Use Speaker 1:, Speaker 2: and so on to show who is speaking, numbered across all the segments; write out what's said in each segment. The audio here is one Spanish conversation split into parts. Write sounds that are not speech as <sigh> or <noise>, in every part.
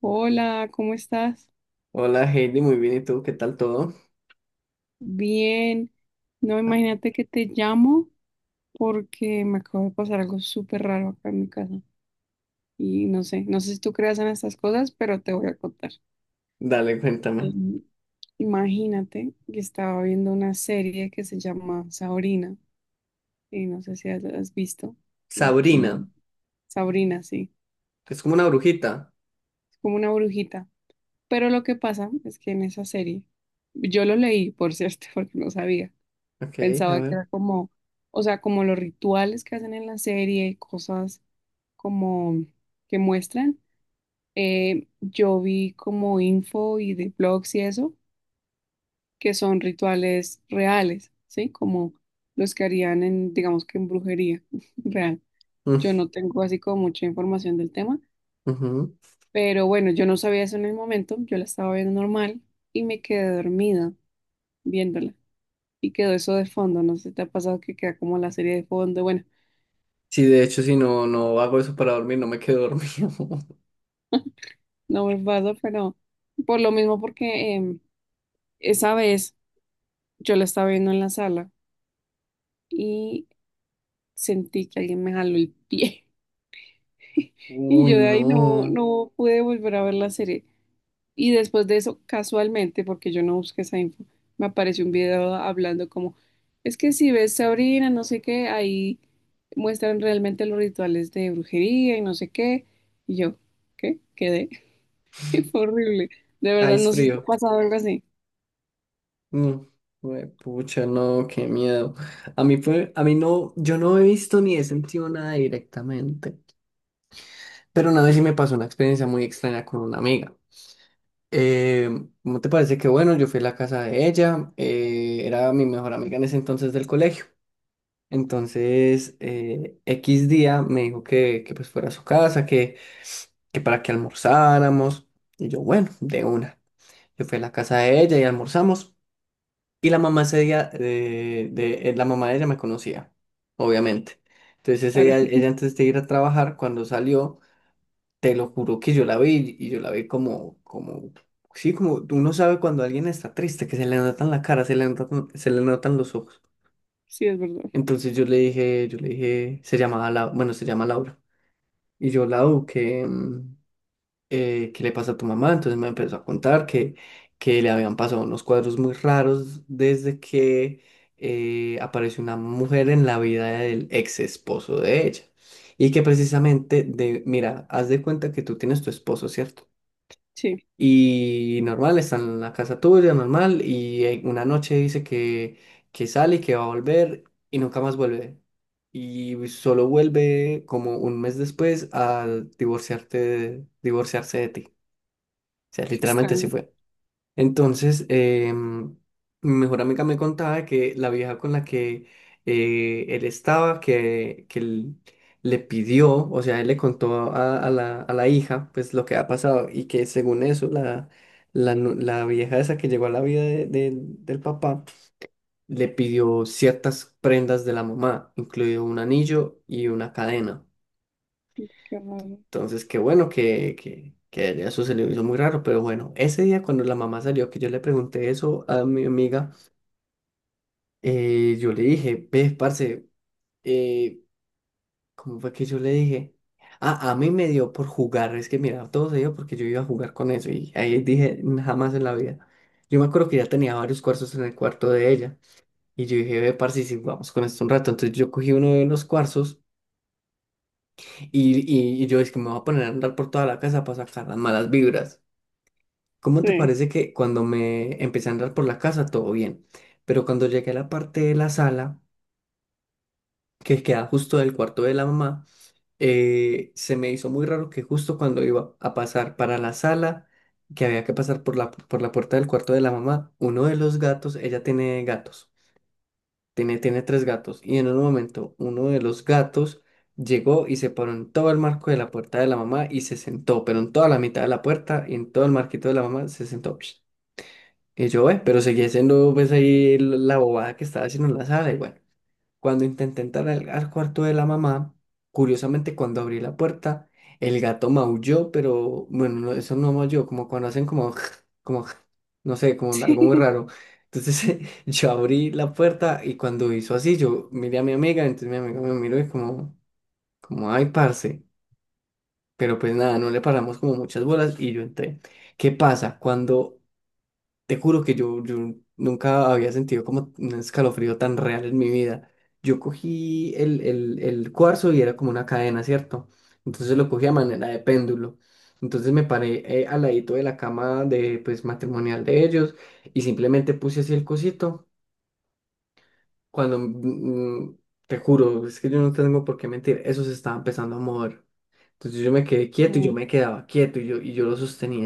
Speaker 1: Hola, ¿cómo estás?
Speaker 2: Hola Heidi, muy bien. ¿Y tú? ¿Qué tal todo?
Speaker 1: Bien. No,
Speaker 2: Ah,
Speaker 1: imagínate que te llamo porque me acabo de pasar algo súper raro acá en mi casa. Y no sé, no sé si tú creas en estas cosas, pero te voy a contar.
Speaker 2: dale, cuéntame.
Speaker 1: Em, Imagínate que estaba viendo una serie que se llama Sabrina, y no sé si has visto, es como
Speaker 2: Sabrina,
Speaker 1: Sabrina, sí,
Speaker 2: es como una brujita.
Speaker 1: es como una brujita. Pero lo que pasa es que en esa serie, yo lo leí, por cierto, <laughs> porque no sabía.
Speaker 2: Ok, a
Speaker 1: Pensaba que
Speaker 2: ver.
Speaker 1: era como, o sea, como los rituales que hacen en la serie, cosas como que muestran. Yo vi como info y de blogs y eso, que son rituales reales, ¿sí? Como los que harían en, digamos que en brujería <laughs> real.
Speaker 2: Mm,
Speaker 1: Yo no tengo así como mucha información del tema,
Speaker 2: ujú.
Speaker 1: pero bueno, yo no sabía eso en el momento, yo la estaba viendo normal y me quedé dormida viéndola. Y quedó eso de fondo, no sé si te ha pasado que queda como la serie de fondo, bueno.
Speaker 2: Sí, de hecho, si no, no hago eso para dormir, no me quedo dormido. <laughs>
Speaker 1: No me pasa, pero por lo mismo porque esa vez yo la estaba viendo en la sala y sentí que alguien me jaló el pie <laughs> y
Speaker 2: Uy,
Speaker 1: yo de ahí no,
Speaker 2: no.
Speaker 1: no pude volver a ver la serie. Y después de eso, casualmente, porque yo no busqué esa info, me apareció un video hablando como, es que si ves Sabrina, no sé qué, ahí muestran realmente los rituales de brujería y no sé qué. Y yo, ¿qué? Quedé. <laughs> Fue horrible. De
Speaker 2: Ah,
Speaker 1: verdad,
Speaker 2: es
Speaker 1: no sé si te ha
Speaker 2: frío.
Speaker 1: pasado algo así.
Speaker 2: Mm, güey, pucha, no, qué miedo. A mí no, yo no he visto ni he sentido nada directamente. Pero una vez sí me pasó una experiencia muy extraña con una amiga. Eh, ¿Cómo te parece que bueno? Yo fui a la casa de ella, era mi mejor amiga en ese entonces del colegio. Entonces, X día me dijo que pues fuera a su casa, que para que almorzáramos. Y yo, bueno, de una. Yo fui a la casa de ella y almorzamos. Y la mamá ese día, la mamá de ella me conocía, obviamente. Entonces ese día,
Speaker 1: Claro.
Speaker 2: ella antes de ir a trabajar, cuando salió, te lo juro que yo la vi y yo la vi como, sí, como uno sabe cuando alguien está triste, que se le notan la cara, se le notan los ojos.
Speaker 1: Sí, es verdad.
Speaker 2: Entonces yo le dije, se llamaba la bueno, se llama Laura. Y yo, Lau, que, ¿qué le pasa a tu mamá? Entonces me empezó a contar que le habían pasado unos cuadros muy raros desde que apareció una mujer en la vida del ex esposo de ella. Y que precisamente, mira, haz de cuenta que tú tienes tu esposo, ¿cierto?
Speaker 1: Sí,
Speaker 2: Y normal, está en la casa tuya, normal, y una noche dice que sale y que va a volver y nunca más vuelve. Y solo vuelve como un mes después a divorciarse de ti. O sea,
Speaker 1: qué
Speaker 2: literalmente así
Speaker 1: extraño.
Speaker 2: fue. Entonces, em, mi mejor amiga me contaba que la vieja con la que él estaba, que él le pidió, o sea, él le contó a la hija, pues lo que ha pasado, y que según eso, la vieja esa que llegó a la vida del papá, le pidió ciertas prendas de la mamá, incluido un anillo y una cadena.
Speaker 1: Qué raro.
Speaker 2: Entonces, qué bueno que eso se le hizo muy raro, pero bueno, ese día cuando la mamá salió, que yo le pregunté eso a mi amiga, yo le dije, ve, parce, eh, ¿cómo fue que yo le dije? Ah, a mí me dio por jugar, es que mira, todo se dio porque yo iba a jugar con eso y ahí dije, jamás en la vida. Yo me acuerdo que ya tenía varios cuarzos en el cuarto de ella y yo dije, ve, parce, si jugamos con esto un rato, entonces yo cogí uno de los cuarzos y, y yo es que me voy a poner a andar por toda la casa para sacar las malas vibras. ¿Cómo te
Speaker 1: Sí,
Speaker 2: parece que cuando me empecé a andar por la casa todo bien? Pero cuando llegué a la parte de la sala, que queda justo del cuarto de la mamá, se me hizo muy raro que justo cuando iba a pasar para la sala, que había que pasar por la puerta del cuarto de la mamá, uno de los gatos, ella tiene gatos, tiene tres gatos, y en un momento uno de los gatos llegó y se paró en todo el marco de la puerta de la mamá y se sentó, pero en toda la mitad de la puerta y en todo el marquito de la mamá se sentó. Y yo, pero seguía siendo pues ahí la bobada que estaba haciendo en la sala. Y bueno, cuando intenté entrar al cuarto de la mamá, curiosamente cuando abrí la puerta, el gato maulló, pero bueno, no, eso no maulló, como cuando hacen como, <laughs> como, <laughs> no sé, como
Speaker 1: <laughs>
Speaker 2: algo muy
Speaker 1: sí.
Speaker 2: raro. Entonces <laughs> yo abrí la puerta y cuando hizo así, yo miré a mi amiga, entonces mi amiga me miró y como, ay, parce. Pero pues nada, no le paramos como muchas bolas y yo entré. ¿Qué pasa? Cuando te juro que yo nunca había sentido como un escalofrío tan real en mi vida. Yo cogí el cuarzo y era como una cadena, ¿cierto? Entonces lo cogí a manera de péndulo. Entonces me paré al ladito de la cama pues matrimonial de ellos y simplemente puse así el cosito. Cuando, te juro, es que yo no tengo por qué mentir, eso se estaba empezando a mover. Entonces yo me quedé quieto y yo
Speaker 1: Como
Speaker 2: me quedaba quieto y yo lo sostenía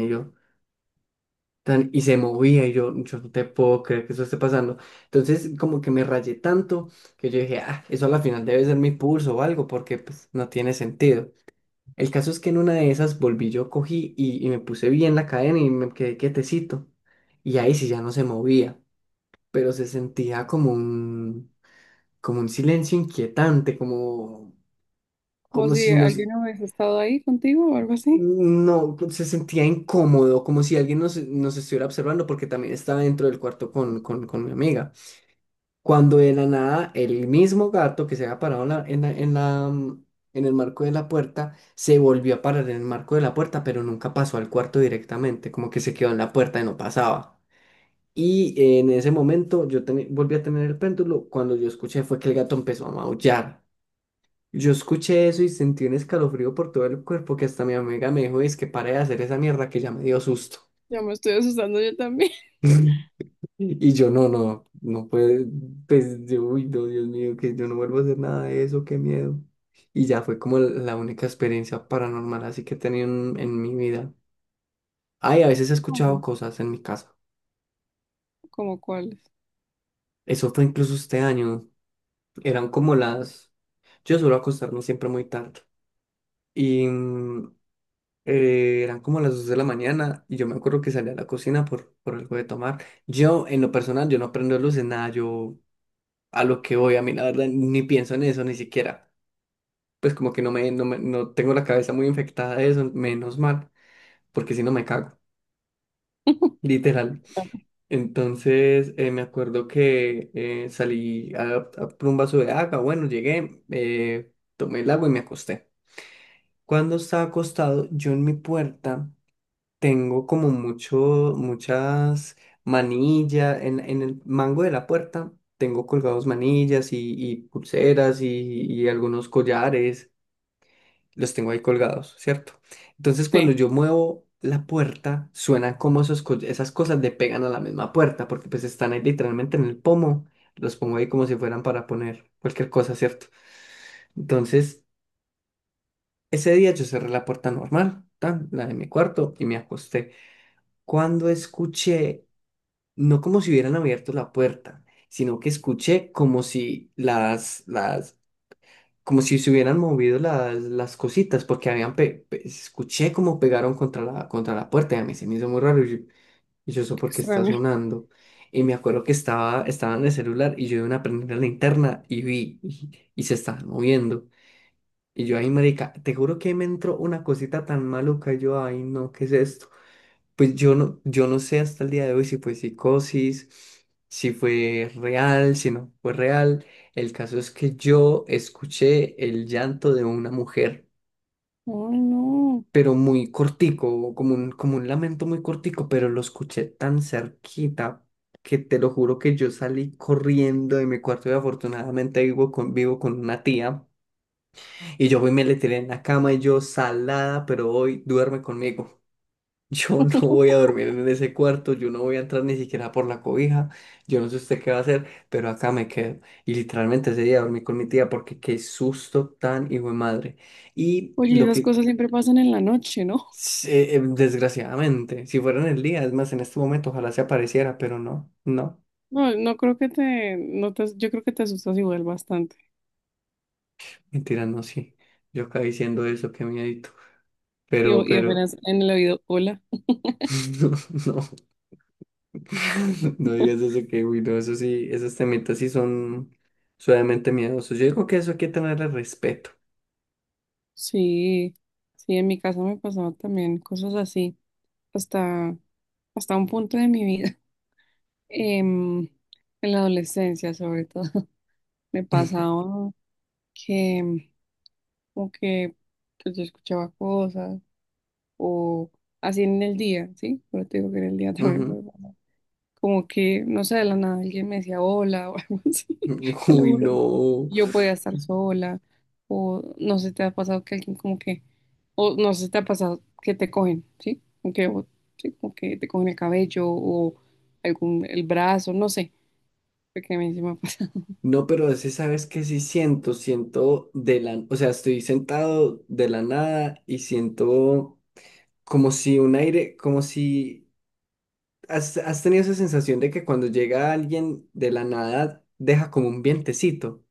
Speaker 2: y se movía y yo no te puedo creer que eso esté pasando. Entonces como que me rayé tanto que yo dije, ah, eso a la final debe ser mi pulso o algo porque pues no tiene sentido. El caso es que en una de esas volví yo, cogí y me puse bien la cadena y me quedé quietecito. Y ahí sí ya no se movía, pero se sentía como un silencio inquietante, como,
Speaker 1: como
Speaker 2: como
Speaker 1: si
Speaker 2: si nos...
Speaker 1: alguien hubiese estado ahí contigo o algo así.
Speaker 2: No, pues, se sentía incómodo, como si alguien nos estuviera observando, porque también estaba dentro del cuarto con mi amiga. Cuando de la nada el mismo gato que se había parado en el marco de la puerta se volvió a parar en el marco de la puerta, pero nunca pasó al cuarto directamente, como que se quedó en la puerta y no pasaba. Y en ese momento yo volví a tener el péndulo. Cuando yo escuché fue que el gato empezó a maullar. Yo escuché eso y sentí un escalofrío por todo el cuerpo que hasta mi amiga me dijo, es que pare de hacer esa mierda que ya me dio susto.
Speaker 1: Ya me estoy asustando yo también.
Speaker 2: <laughs> Sí. Y yo, no, no, no puede, pues yo, uy, no, Dios mío, que yo no vuelvo a hacer nada de eso, qué miedo. Y ya fue como la única experiencia paranormal así que he tenido en mi vida. Ay, a veces he
Speaker 1: <laughs>
Speaker 2: escuchado
Speaker 1: Como,
Speaker 2: cosas en mi casa.
Speaker 1: como cuáles.
Speaker 2: Eso fue incluso este año. Eran como las. Yo suelo acostarme siempre muy tarde. Y eran como las 2 de la mañana y yo me acuerdo que salí a la cocina por algo de tomar. Yo, en lo personal, yo no prendo luces, nada, yo a lo que voy, a mí la verdad ni pienso en eso, ni siquiera. Pues como que no tengo la cabeza muy infectada de eso, menos mal, porque si no me cago,
Speaker 1: <laughs>
Speaker 2: literal. Entonces me acuerdo que salí a por un vaso de agua, bueno, llegué, tomé el agua y me acosté. Cuando estaba acostado, yo en mi puerta tengo como muchas manillas, en el mango de la puerta tengo colgados manillas y pulseras y algunos collares. Los tengo ahí colgados, ¿cierto? Entonces cuando
Speaker 1: Sí,
Speaker 2: yo muevo la puerta, suenan como esos esas cosas le pegan a la misma puerta, porque pues están ahí literalmente en el pomo, los pongo ahí como si fueran para poner cualquier cosa, ¿cierto? Entonces, ese día yo cerré la puerta normal, tan, la de mi cuarto, y me acosté. Cuando escuché, no como si hubieran abierto la puerta, sino que escuché como si las, las como si se hubieran movido las cositas, porque escuché como pegaron contra la puerta y a mí se me hizo muy raro. Y yo, ¿eso
Speaker 1: qué
Speaker 2: por qué está
Speaker 1: extraño.
Speaker 2: sonando? Y me acuerdo que estaba en el celular y yo de una prendí la linterna y vi y se estaban moviendo. Y yo, ay, marica, te juro que me entró una cosita tan maluca. Yo, ay, no, ¿qué es esto? Pues yo no sé hasta el día de hoy si fue psicosis, si fue real, si no fue real. El caso es que yo escuché el llanto de una mujer,
Speaker 1: Oh, no.
Speaker 2: pero muy cortico, como un lamento muy cortico, pero lo escuché tan cerquita que te lo juro que yo salí corriendo de mi cuarto y afortunadamente vivo con una tía y yo fui y me le tiré en la cama y yo salada, pero hoy duerme conmigo. Yo no voy a dormir en ese cuarto, yo no voy a entrar ni siquiera por la cobija, yo no sé usted qué va a hacer, pero acá me quedo. Y literalmente ese día dormí con mi tía porque qué susto tan hijo de madre. Y
Speaker 1: Oye,
Speaker 2: lo
Speaker 1: esas
Speaker 2: que,
Speaker 1: cosas siempre pasan en la noche, ¿no?
Speaker 2: Desgraciadamente, si fuera en el día, es más, en este momento ojalá se apareciera, pero no, no,
Speaker 1: No, no creo que te, no te, yo creo que te asustas igual bastante.
Speaker 2: mentira, no, sí. Yo acá diciendo eso, qué miedito,
Speaker 1: Y,
Speaker 2: pero,
Speaker 1: o- y
Speaker 2: pero,
Speaker 1: apenas en el oído, hola.
Speaker 2: <laughs> no, no. <laughs> No digas eso que, uy, no, eso sí, esos temitas sí son suavemente miedosos. Yo digo que eso hay que tenerle respeto.
Speaker 1: Sí, sí, en mi casa me pasaba también cosas así, hasta, hasta un punto de mi vida. em, en la adolescencia sobre todo, <laughs> me
Speaker 2: <laughs>
Speaker 1: pasaba que como que pues, yo escuchaba cosas o así en el día, ¿sí? Pero te digo que en el día <laughs> también me
Speaker 2: Ujú.
Speaker 1: pasaba. Como que, no sé, de la nada alguien me decía hola o <laughs> algo así, te lo
Speaker 2: Uy,
Speaker 1: juro.
Speaker 2: no.
Speaker 1: Yo podía estar sola o no sé, te ha pasado que alguien como que, o no sé, te ha pasado que te cogen, ¿sí? Como que, o- sí, como que te cogen el cabello o algún, el brazo, no sé, porque a mí sí me encima.
Speaker 2: No, pero ese sabes que sí siento, o sea, estoy sentado de la nada y siento como si un aire, como si has tenido esa sensación de que cuando llega alguien de la nada deja como un vientecito,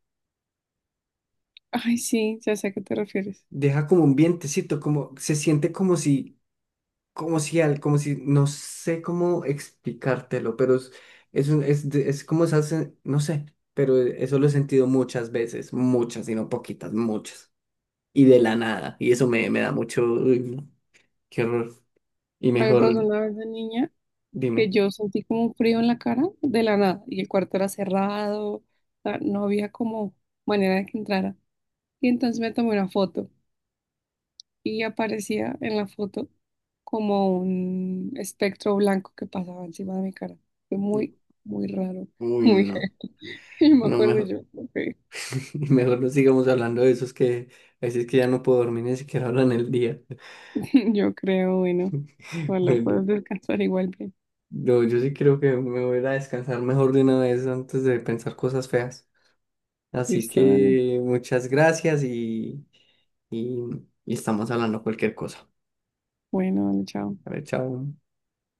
Speaker 1: Ay, sí, ya sé a qué te refieres.
Speaker 2: deja como un vientecito, como se siente como si como si, no sé cómo explicártelo, pero es, un- es, de- es como no sé, pero eso lo he sentido muchas veces, muchas, y no poquitas, muchas, y de la nada, y eso me da mucho, uy, no, qué horror, y
Speaker 1: A mí me pasó
Speaker 2: mejor,
Speaker 1: una vez de niña que
Speaker 2: dime,
Speaker 1: yo sentí como un frío en la cara de la nada y el cuarto era cerrado, o sea, no había como manera de que entrara. Y entonces me tomé una foto y aparecía en la foto como un espectro blanco que pasaba encima de mi cara. Fue muy, muy raro,
Speaker 2: uy,
Speaker 1: muy
Speaker 2: no,
Speaker 1: heavy. <laughs> Y no me
Speaker 2: no,
Speaker 1: acuerdo
Speaker 2: mejor,
Speaker 1: yo, ok,
Speaker 2: <laughs> mejor no sigamos hablando de esos que, a veces que ya no puedo dormir ni siquiera ahora en el día,
Speaker 1: <laughs> yo creo, bueno,
Speaker 2: <laughs>
Speaker 1: bueno,
Speaker 2: bueno,
Speaker 1: puedes descansar igual bien.
Speaker 2: no, yo sí creo que me voy a ir a descansar mejor de una vez antes de pensar cosas feas. Así
Speaker 1: Listo, dale.
Speaker 2: que muchas gracias y estamos hablando cualquier cosa.
Speaker 1: Bueno, dale, chao.
Speaker 2: A ver, chao.